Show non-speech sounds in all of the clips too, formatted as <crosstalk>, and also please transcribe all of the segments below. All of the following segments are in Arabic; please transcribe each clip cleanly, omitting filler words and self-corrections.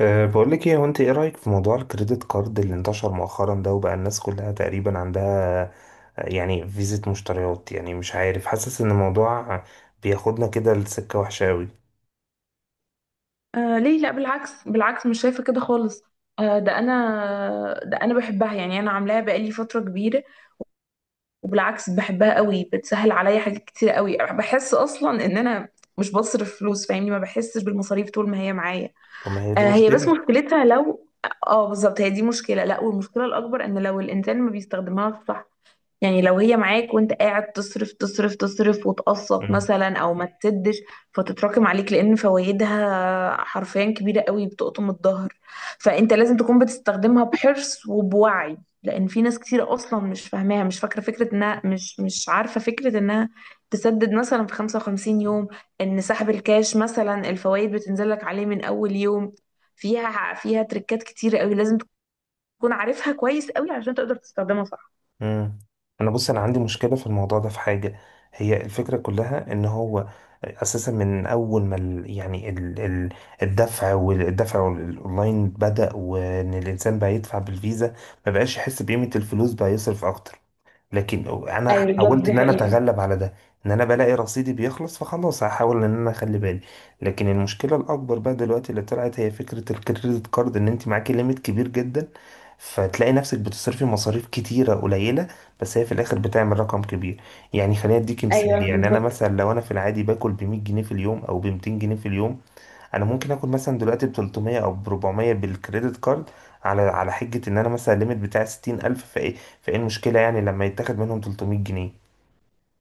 بقول لك ايه. انت ايه رأيك في موضوع الكريدت كارد اللي انتشر مؤخرا ده، وبقى الناس كلها تقريبا عندها؟ يعني فيزة مشتريات، يعني مش عارف، حاسس ان الموضوع بياخدنا كده لسكة وحشة قوي. آه، ليه لا؟ بالعكس بالعكس، مش شايفة كده خالص. آه، ده انا بحبها يعني، انا عاملاها بقالي فترة كبيرة. وبالعكس بحبها قوي، بتسهل عليا حاجات كتير قوي، بحس اصلا ان انا مش بصرف فلوس. فاهمني، ما بحسش بالمصاريف طول ما هي معايا. طب ما هي دي آه، هي بس مشكلة. مشكلتها لو... اه بالظبط، هي دي مشكلة. لا، والمشكلة الاكبر ان لو الانسان ما بيستخدمهاش صح. يعني لو هي معاك وانت قاعد تصرف تصرف تصرف وتقسط مم. مثلا او ما تسدش، فتتراكم عليك، لان فوائدها حرفيا كبيرة قوي، بتقطم الظهر. فانت لازم تكون بتستخدمها بحرص وبوعي، لان في ناس كتير اصلا مش فاهماها، مش فاكرة فكرة انها، مش عارفة فكرة انها تسدد مثلا في 55 يوم. ان سحب الكاش مثلا الفوائد بتنزل لك عليه من اول يوم. فيها تريكات كتير قوي، لازم تكون عارفها كويس قوي عشان تقدر تستخدمها صح. مم. انا بص، انا عندي مشكلة في الموضوع ده، في حاجة. هي الفكرة كلها ان هو اساسا من اول ما ال يعني ال ال الدفع والدفع الاونلاين بدأ، وان الانسان بقى يدفع بالفيزا، ما بقاش يحس بقيمة الفلوس، بقى يصرف اكتر. لكن انا ايوه بالظبط، حاولت دي ان انا حقيقة. اتغلب على ده ان انا بلاقي رصيدي بيخلص، فخلاص هحاول ان انا اخلي بالي. لكن المشكله الاكبر بقى دلوقتي اللي طلعت هي فكره الكريدت كارد، ان انت معاكي ليميت كبير جدا، فتلاقي نفسك بتصرفي مصاريف كتيره قليله، بس هي في الاخر بتعمل رقم كبير. يعني خليني اديكي مثال، ايوه يعني انا بالظبط. مثلا لو انا في العادي باكل ب 100 جنيه في اليوم او ب 200 جنيه في اليوم، انا ممكن اخد مثلا دلوقتي ب 300 او ب 400 بالكريدت كارد، على حجة ان انا مثلا الليميت بتاعي 60,000. فايه، فايه المشكلة يعني لما يتاخد منهم 300 جنيه؟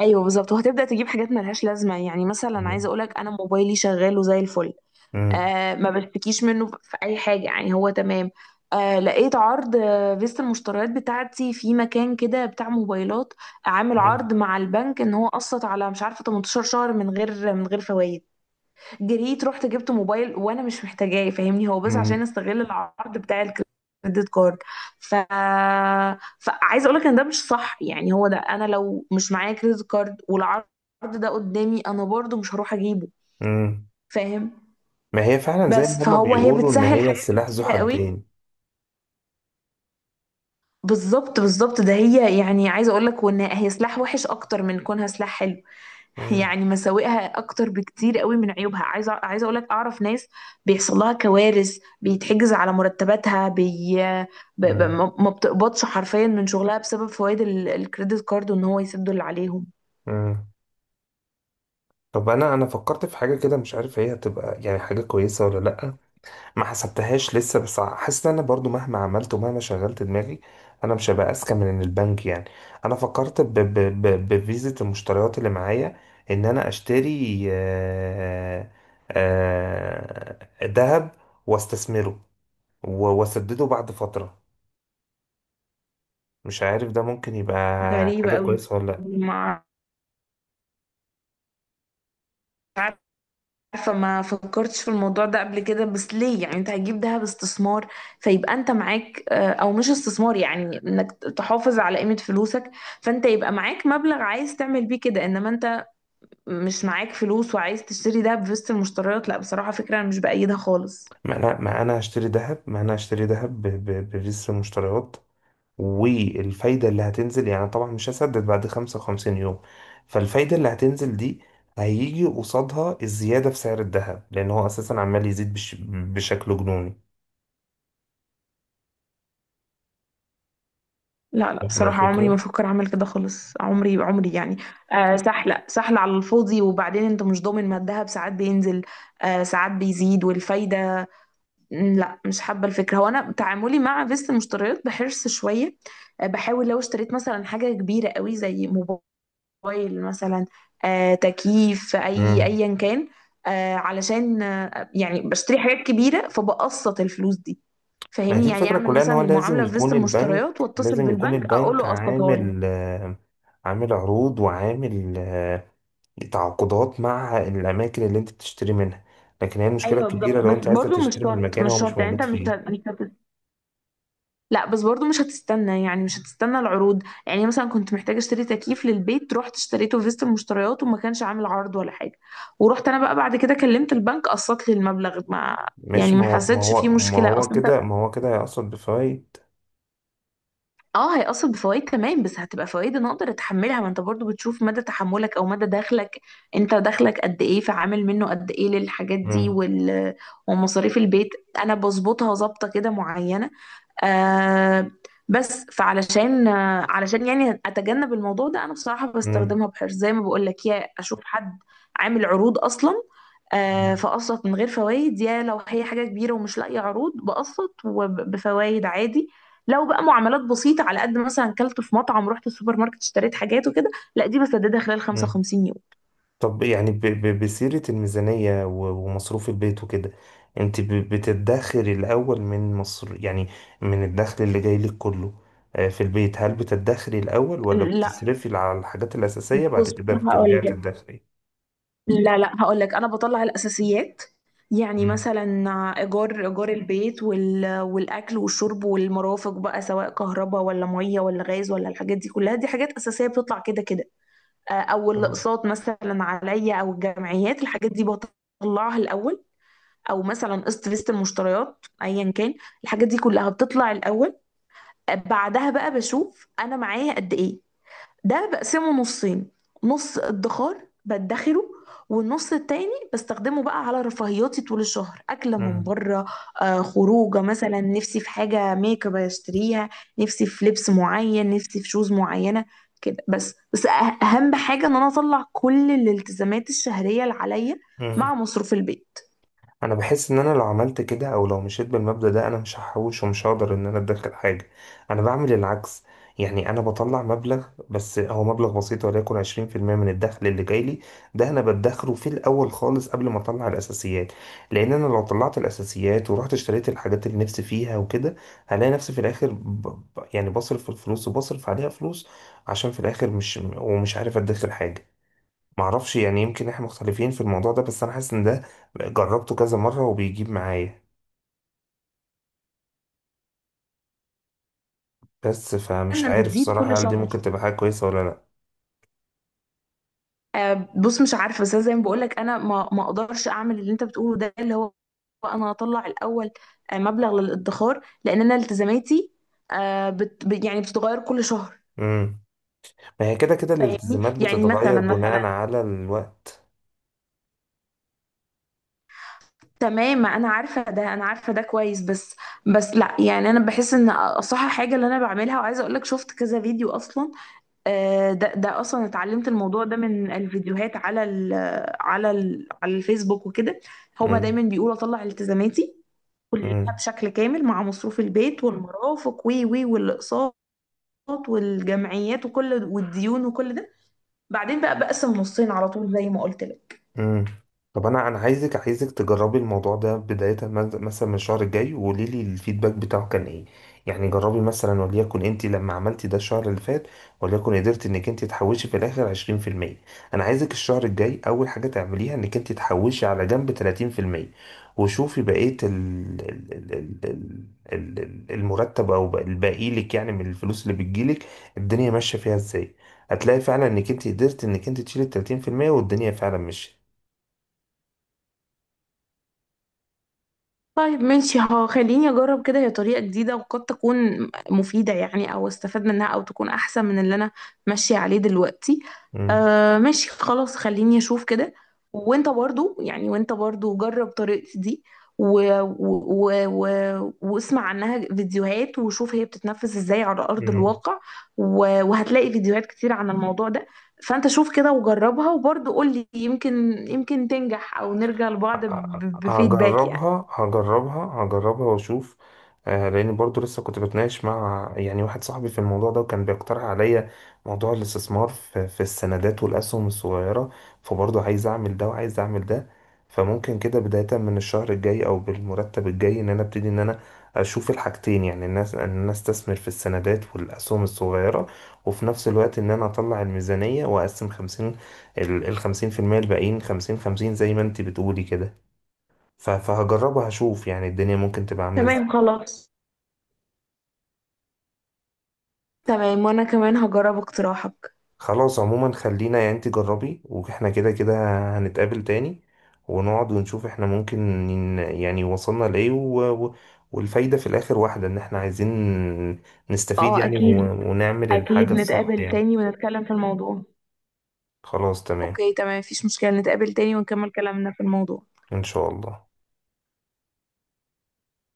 ايوه بالظبط، وهتبدا تجيب حاجات ملهاش لازمه. يعني مثلا عايزه مم. اقولك، انا موبايلي شغال وزي الفل. مم. آه، ما بشتكيش منه في اي حاجه، يعني هو تمام. آه، لقيت عرض، فيست المشتريات بتاعتي في مكان كده بتاع موبايلات، عامل مم. عرض مع البنك ان هو قسط على، مش عارفه، 18 شهر من غير فوائد. جريت رحت جبت موبايل وانا مش محتاجاه، فاهمني، هو بس عشان مم. استغل العرض بتاع الكريدت كارد. ف فعايزه اقول لك ان ده مش صح. يعني هو ده، انا لو مش معايا كريدت كارد والعرض ده قدامي انا برضو مش هروح اجيبه. مم. فاهم؟ ما هي فعلا زي بس ما هما هي بيقولوا، ان بتسهل هي حاجات السلاح ذو كتيره قوي. حدين. بالظبط بالظبط، ده هي يعني، عايزه اقول لك وان هي سلاح وحش اكتر من كونها سلاح حلو. <laughs> مم. يعني مساوئها اكتر بكتير قوي من عيوبها. عايزه اقول لك، اعرف ناس بيحصل لها كوارث، بيتحجز على مرتباتها، مم. ما ما بتقبضش حرفيا من شغلها بسبب فوائد الكريدت كارد، وان هو يسدوا اللي عليهم. مم. طب انا، انا فكرت في حاجة كده، مش عارف هي هتبقى يعني حاجة كويسة ولا لأ. ما حسبتهاش لسه، بس حاسس ان انا برضو مهما عملت ومهما شغلت دماغي، انا مش هبقى اذكى من البنك يعني. انا فكرت ب ب ب بفيزة المشتريات اللي معايا، ان انا اشتري ذهب، واستثمره واسدده بعد فترة. مش عارف ده ممكن يبقى غريبه حاجة قوي. كويسة ولا لا. ما عارفة، ما فكرتش في الموضوع ده قبل كده. بس ليه يعني؟ انت هتجيب دهب استثمار، فيبقى انت معاك، او مش استثمار، يعني انك تحافظ على قيمة فلوسك. فانت يبقى معاك مبلغ عايز تعمل بيه كده، انما انت مش معاك فلوس وعايز تشتري دهب في وسط المشتريات. لا بصراحة، فكرة انا مش بأيدها خالص. ما انا هشتري ذهب، بفيزة المشتريات، والفايدة اللي هتنزل يعني طبعا مش هسدد بعد 55 يوم، فالفايدة اللي هتنزل دي هيجي قصادها الزيادة في سعر الذهب، لأن هو أساسا عمال يزيد بشكل جنوني. لا، لا فاهم بصراحة، عمري ما الفكرة؟ افكر اعمل كده خالص. عمري، عمري يعني. آه، سهلة سهلة على الفاضي. وبعدين انت مش ضامن، ما الدهب ساعات بينزل. آه، ساعات بيزيد والفايدة. مم، لا مش حابة الفكرة. هو أنا تعاملي مع فيست المشتريات بحرص شوية. آه، بحاول لو اشتريت مثلا حاجة كبيرة قوي، زي موبايل مثلا، آه، تكييف، أي مم. أيا كان. آه، علشان، يعني بشتري حاجات كبيرة فبقسط الفلوس دي. ما هي دي فاهمني، يعني الفكرة أعمل كلها، إن هو مثلا لازم المعاملة في فيست يكون البنك، المشتريات وأتصل لازم يكون بالبنك أقول البنك له قسطها لي. عامل عامل عروض، وعامل تعاقدات مع الأماكن اللي أنت بتشتري منها. لكن هي المشكلة أيوه الكبيرة بالظبط. لو بس أنت عايزة برضو مش تشتري من شرط، مكان هو مش مش شرط، يعني أنت موجود مش فيه. مش هت- لا. بس برضو مش هتستنى، يعني مش هتستنى العروض. يعني مثلا كنت محتاجة اشتري تكييف للبيت، رحت اشتريته في فيست المشتريات وما كانش عامل عرض ولا حاجة، ورحت انا بقى بعد كده كلمت البنك قسط لي المبلغ. ما يعني ماشي، ما ما هو ما حسيتش فيه هو ما مشكلة هو اصلا انت. كده ما هو كده هيقصد بفوائد. اه، هيأثر بفوائد تمام، بس هتبقى فوائد انا اقدر اتحملها. ما انت برضو بتشوف مدى تحملك او مدى دخلك. انت دخلك قد ايه، فعامل منه قد ايه للحاجات دي مم. ومصاريف البيت. انا بظبطها ظابطة كده معينة. آه. بس فعلشان آه علشان يعني اتجنب الموضوع ده، انا بصراحة مم. بستخدمها بحرص، زي ما بقول لك، يا اشوف حد عامل عروض اصلا، آه، فاقسط من غير فوائد. يا لو هي حاجة كبيرة ومش لاقية عروض بقسط وبفوائد عادي. لو بقى معاملات بسيطة على قد، مثلا كلت في مطعم رحت السوبر ماركت اشتريت حاجات وكده، لا دي بسددها خلال مم. 55 يوم. طب يعني بسيرة الميزانية ومصروف البيت وكده، انت بتدخري الأول من مصر يعني، من الدخل اللي جاي لك كله في البيت؟ هل بتدخري الأول ولا لا، بتصرفي على الحاجات الأساسية بعد بص، كده هقول بترجعي لك، تدخري؟ لا، لا، هقول لك، انا بطلع الاساسيات. يعني مم. مثلا، ايجار البيت والاكل والشرب والمرافق، بقى سواء كهرباء ولا ميه ولا غاز، ولا الحاجات دي كلها، دي حاجات اساسيه بتطلع كده كده. آه، او أهو. الاقساط مثلا عليا، او الجمعيات، الحاجات دي بطلعها الاول، او مثلا قسط فيست المشتريات ايا كان. الحاجات دي كلها بتطلع الاول. بعدها بقى بشوف انا معايا قد ايه، ده بقسمه نصين. نص ادخار بدخره، والنص التاني بستخدمه بقى على رفاهياتي طول الشهر، اكله من مم. بره، آه، خروجه مثلا، نفسي في حاجه ميك اب اشتريها، نفسي في لبس معين، نفسي في شوز معينه. كده. بس اهم حاجه ان انا اطلع كل الالتزامات الشهريه اللي عليا مم. مع مصروف البيت، انا بحس ان انا لو عملت كده او لو مشيت بالمبدأ ده انا مش هحوش، ومش هقدر ان انا ادخر حاجة. انا بعمل العكس، يعني انا بطلع مبلغ، بس هو مبلغ بسيط، وليكن 20% من الدخل اللي جاي لي، ده انا بدخره في الاول خالص قبل ما اطلع الاساسيات. لان انا لو طلعت الاساسيات ورحت اشتريت الحاجات اللي نفسي فيها وكده، هلاقي نفسي في الاخر يعني بصرف في الفلوس وبصرف عليها فلوس، عشان في الاخر مش ومش عارف ادخر حاجة. معرفش يعني، يمكن احنا مختلفين في الموضوع ده، بس انا حاسس ان ده جربته كذا مرة وبيجيب معايا. بس فمش ان عارف بتزيد كل صراحة هل دي شهر. ممكن تبقى حاجة كويسة ولا لا. آه، بص، مش عارفه، بس أنا زي ما بقولك، انا ما ما اقدرش اعمل اللي انت بتقوله ده اللي هو، انا هطلع الاول آه، مبلغ للادخار، لان انا التزاماتي، آه، يعني بتتغير كل شهر. امم ما هي كده كده فاهمني، الالتزامات يعني بتتغير مثلا، بناء على الوقت. تمام، ما انا عارفه ده، انا عارفه ده كويس، بس، بس لا يعني، انا بحس ان اصح حاجه اللي انا بعملها. وعايزه اقول لك، شفت كذا فيديو اصلا. آه، ده اصلا اتعلمت الموضوع ده من الفيديوهات على ال، على الفيسبوك وكده. هما دايما بيقولوا اطلع التزاماتي كلها امم بشكل كامل مع مصروف البيت والمرافق وي وي والاقساط والجمعيات، والديون وكل ده. بعدين بقى بقسم نصين على طول زي ما قلت لك. امم طب انا، انا عايزك تجربي الموضوع ده بداية مثلا من الشهر الجاي، وقولي لي الفيدباك بتاعه كان ايه. يعني جربي مثلا، وليكن انت لما عملتي ده الشهر اللي فات وليكن قدرت انك انت تحوشي في الاخر 20%، انا عايزك الشهر الجاي اول حاجة تعمليها انك انت تحوشي على جنب 30%، وشوفي بقية ال المرتب، او الباقي لك يعني من الفلوس اللي بتجيلك، الدنيا ماشية فيها ازاي. هتلاقي فعلا انك انت قدرت انك انت تشيلي 30% والدنيا فعلا مشيت. طيب ماشي، ها، خليني اجرب كده، هي طريقة جديدة وقد تكون مفيدة يعني، او استفاد منها او تكون احسن من اللي انا ماشية عليه دلوقتي. مم. آه ماشي، خلاص، خليني اشوف كده. وانت برضو جرب طريقتي دي واسمع عنها فيديوهات وشوف هي بتتنفذ ازاي على ارض مم. الواقع. و... وهتلاقي فيديوهات كتير عن الموضوع ده. فانت شوف كده وجربها وبرضو قولي، يمكن تنجح او نرجع لبعض ه- بفيدباك يعني. هجربها واشوف. آه، لان برضو لسه كنت بتناقش مع يعني واحد صاحبي في الموضوع ده، وكان بيقترح عليا موضوع الاستثمار في السندات والاسهم الصغيره. فبرضه عايز اعمل ده وعايز اعمل ده. فممكن كده بدايه من الشهر الجاي او بالمرتب الجاي ان انا ابتدي ان انا اشوف الحاجتين، يعني الناس ان انا استثمر في السندات والاسهم الصغيره، وفي نفس الوقت ان انا اطلع الميزانيه واقسم 50، ال ال 50% الباقيين، 50 50 زي ما انت بتقولي كده. فهجربه هشوف يعني الدنيا ممكن تبقى عاملة ازاي. تمام خلاص. تمام، وانا كمان هجرب اقتراحك. خلاص، عموما خلينا يعني، انت جربي، واحنا كده كده هنتقابل تاني، ونقعد ونشوف احنا ممكن يعني وصلنا لإيه، و... والفايدة في الآخر واحدة، إن احنا عايزين نستفيد اه، يعني، اكيد. ونعمل اكيد الحاجة الصح نتقابل يعني. تاني ونتكلم في الموضوع. خلاص، تمام، اوكي تمام، مفيش مشكلة، نتقابل تاني ونكمل كلامنا في الموضوع. إن شاء الله.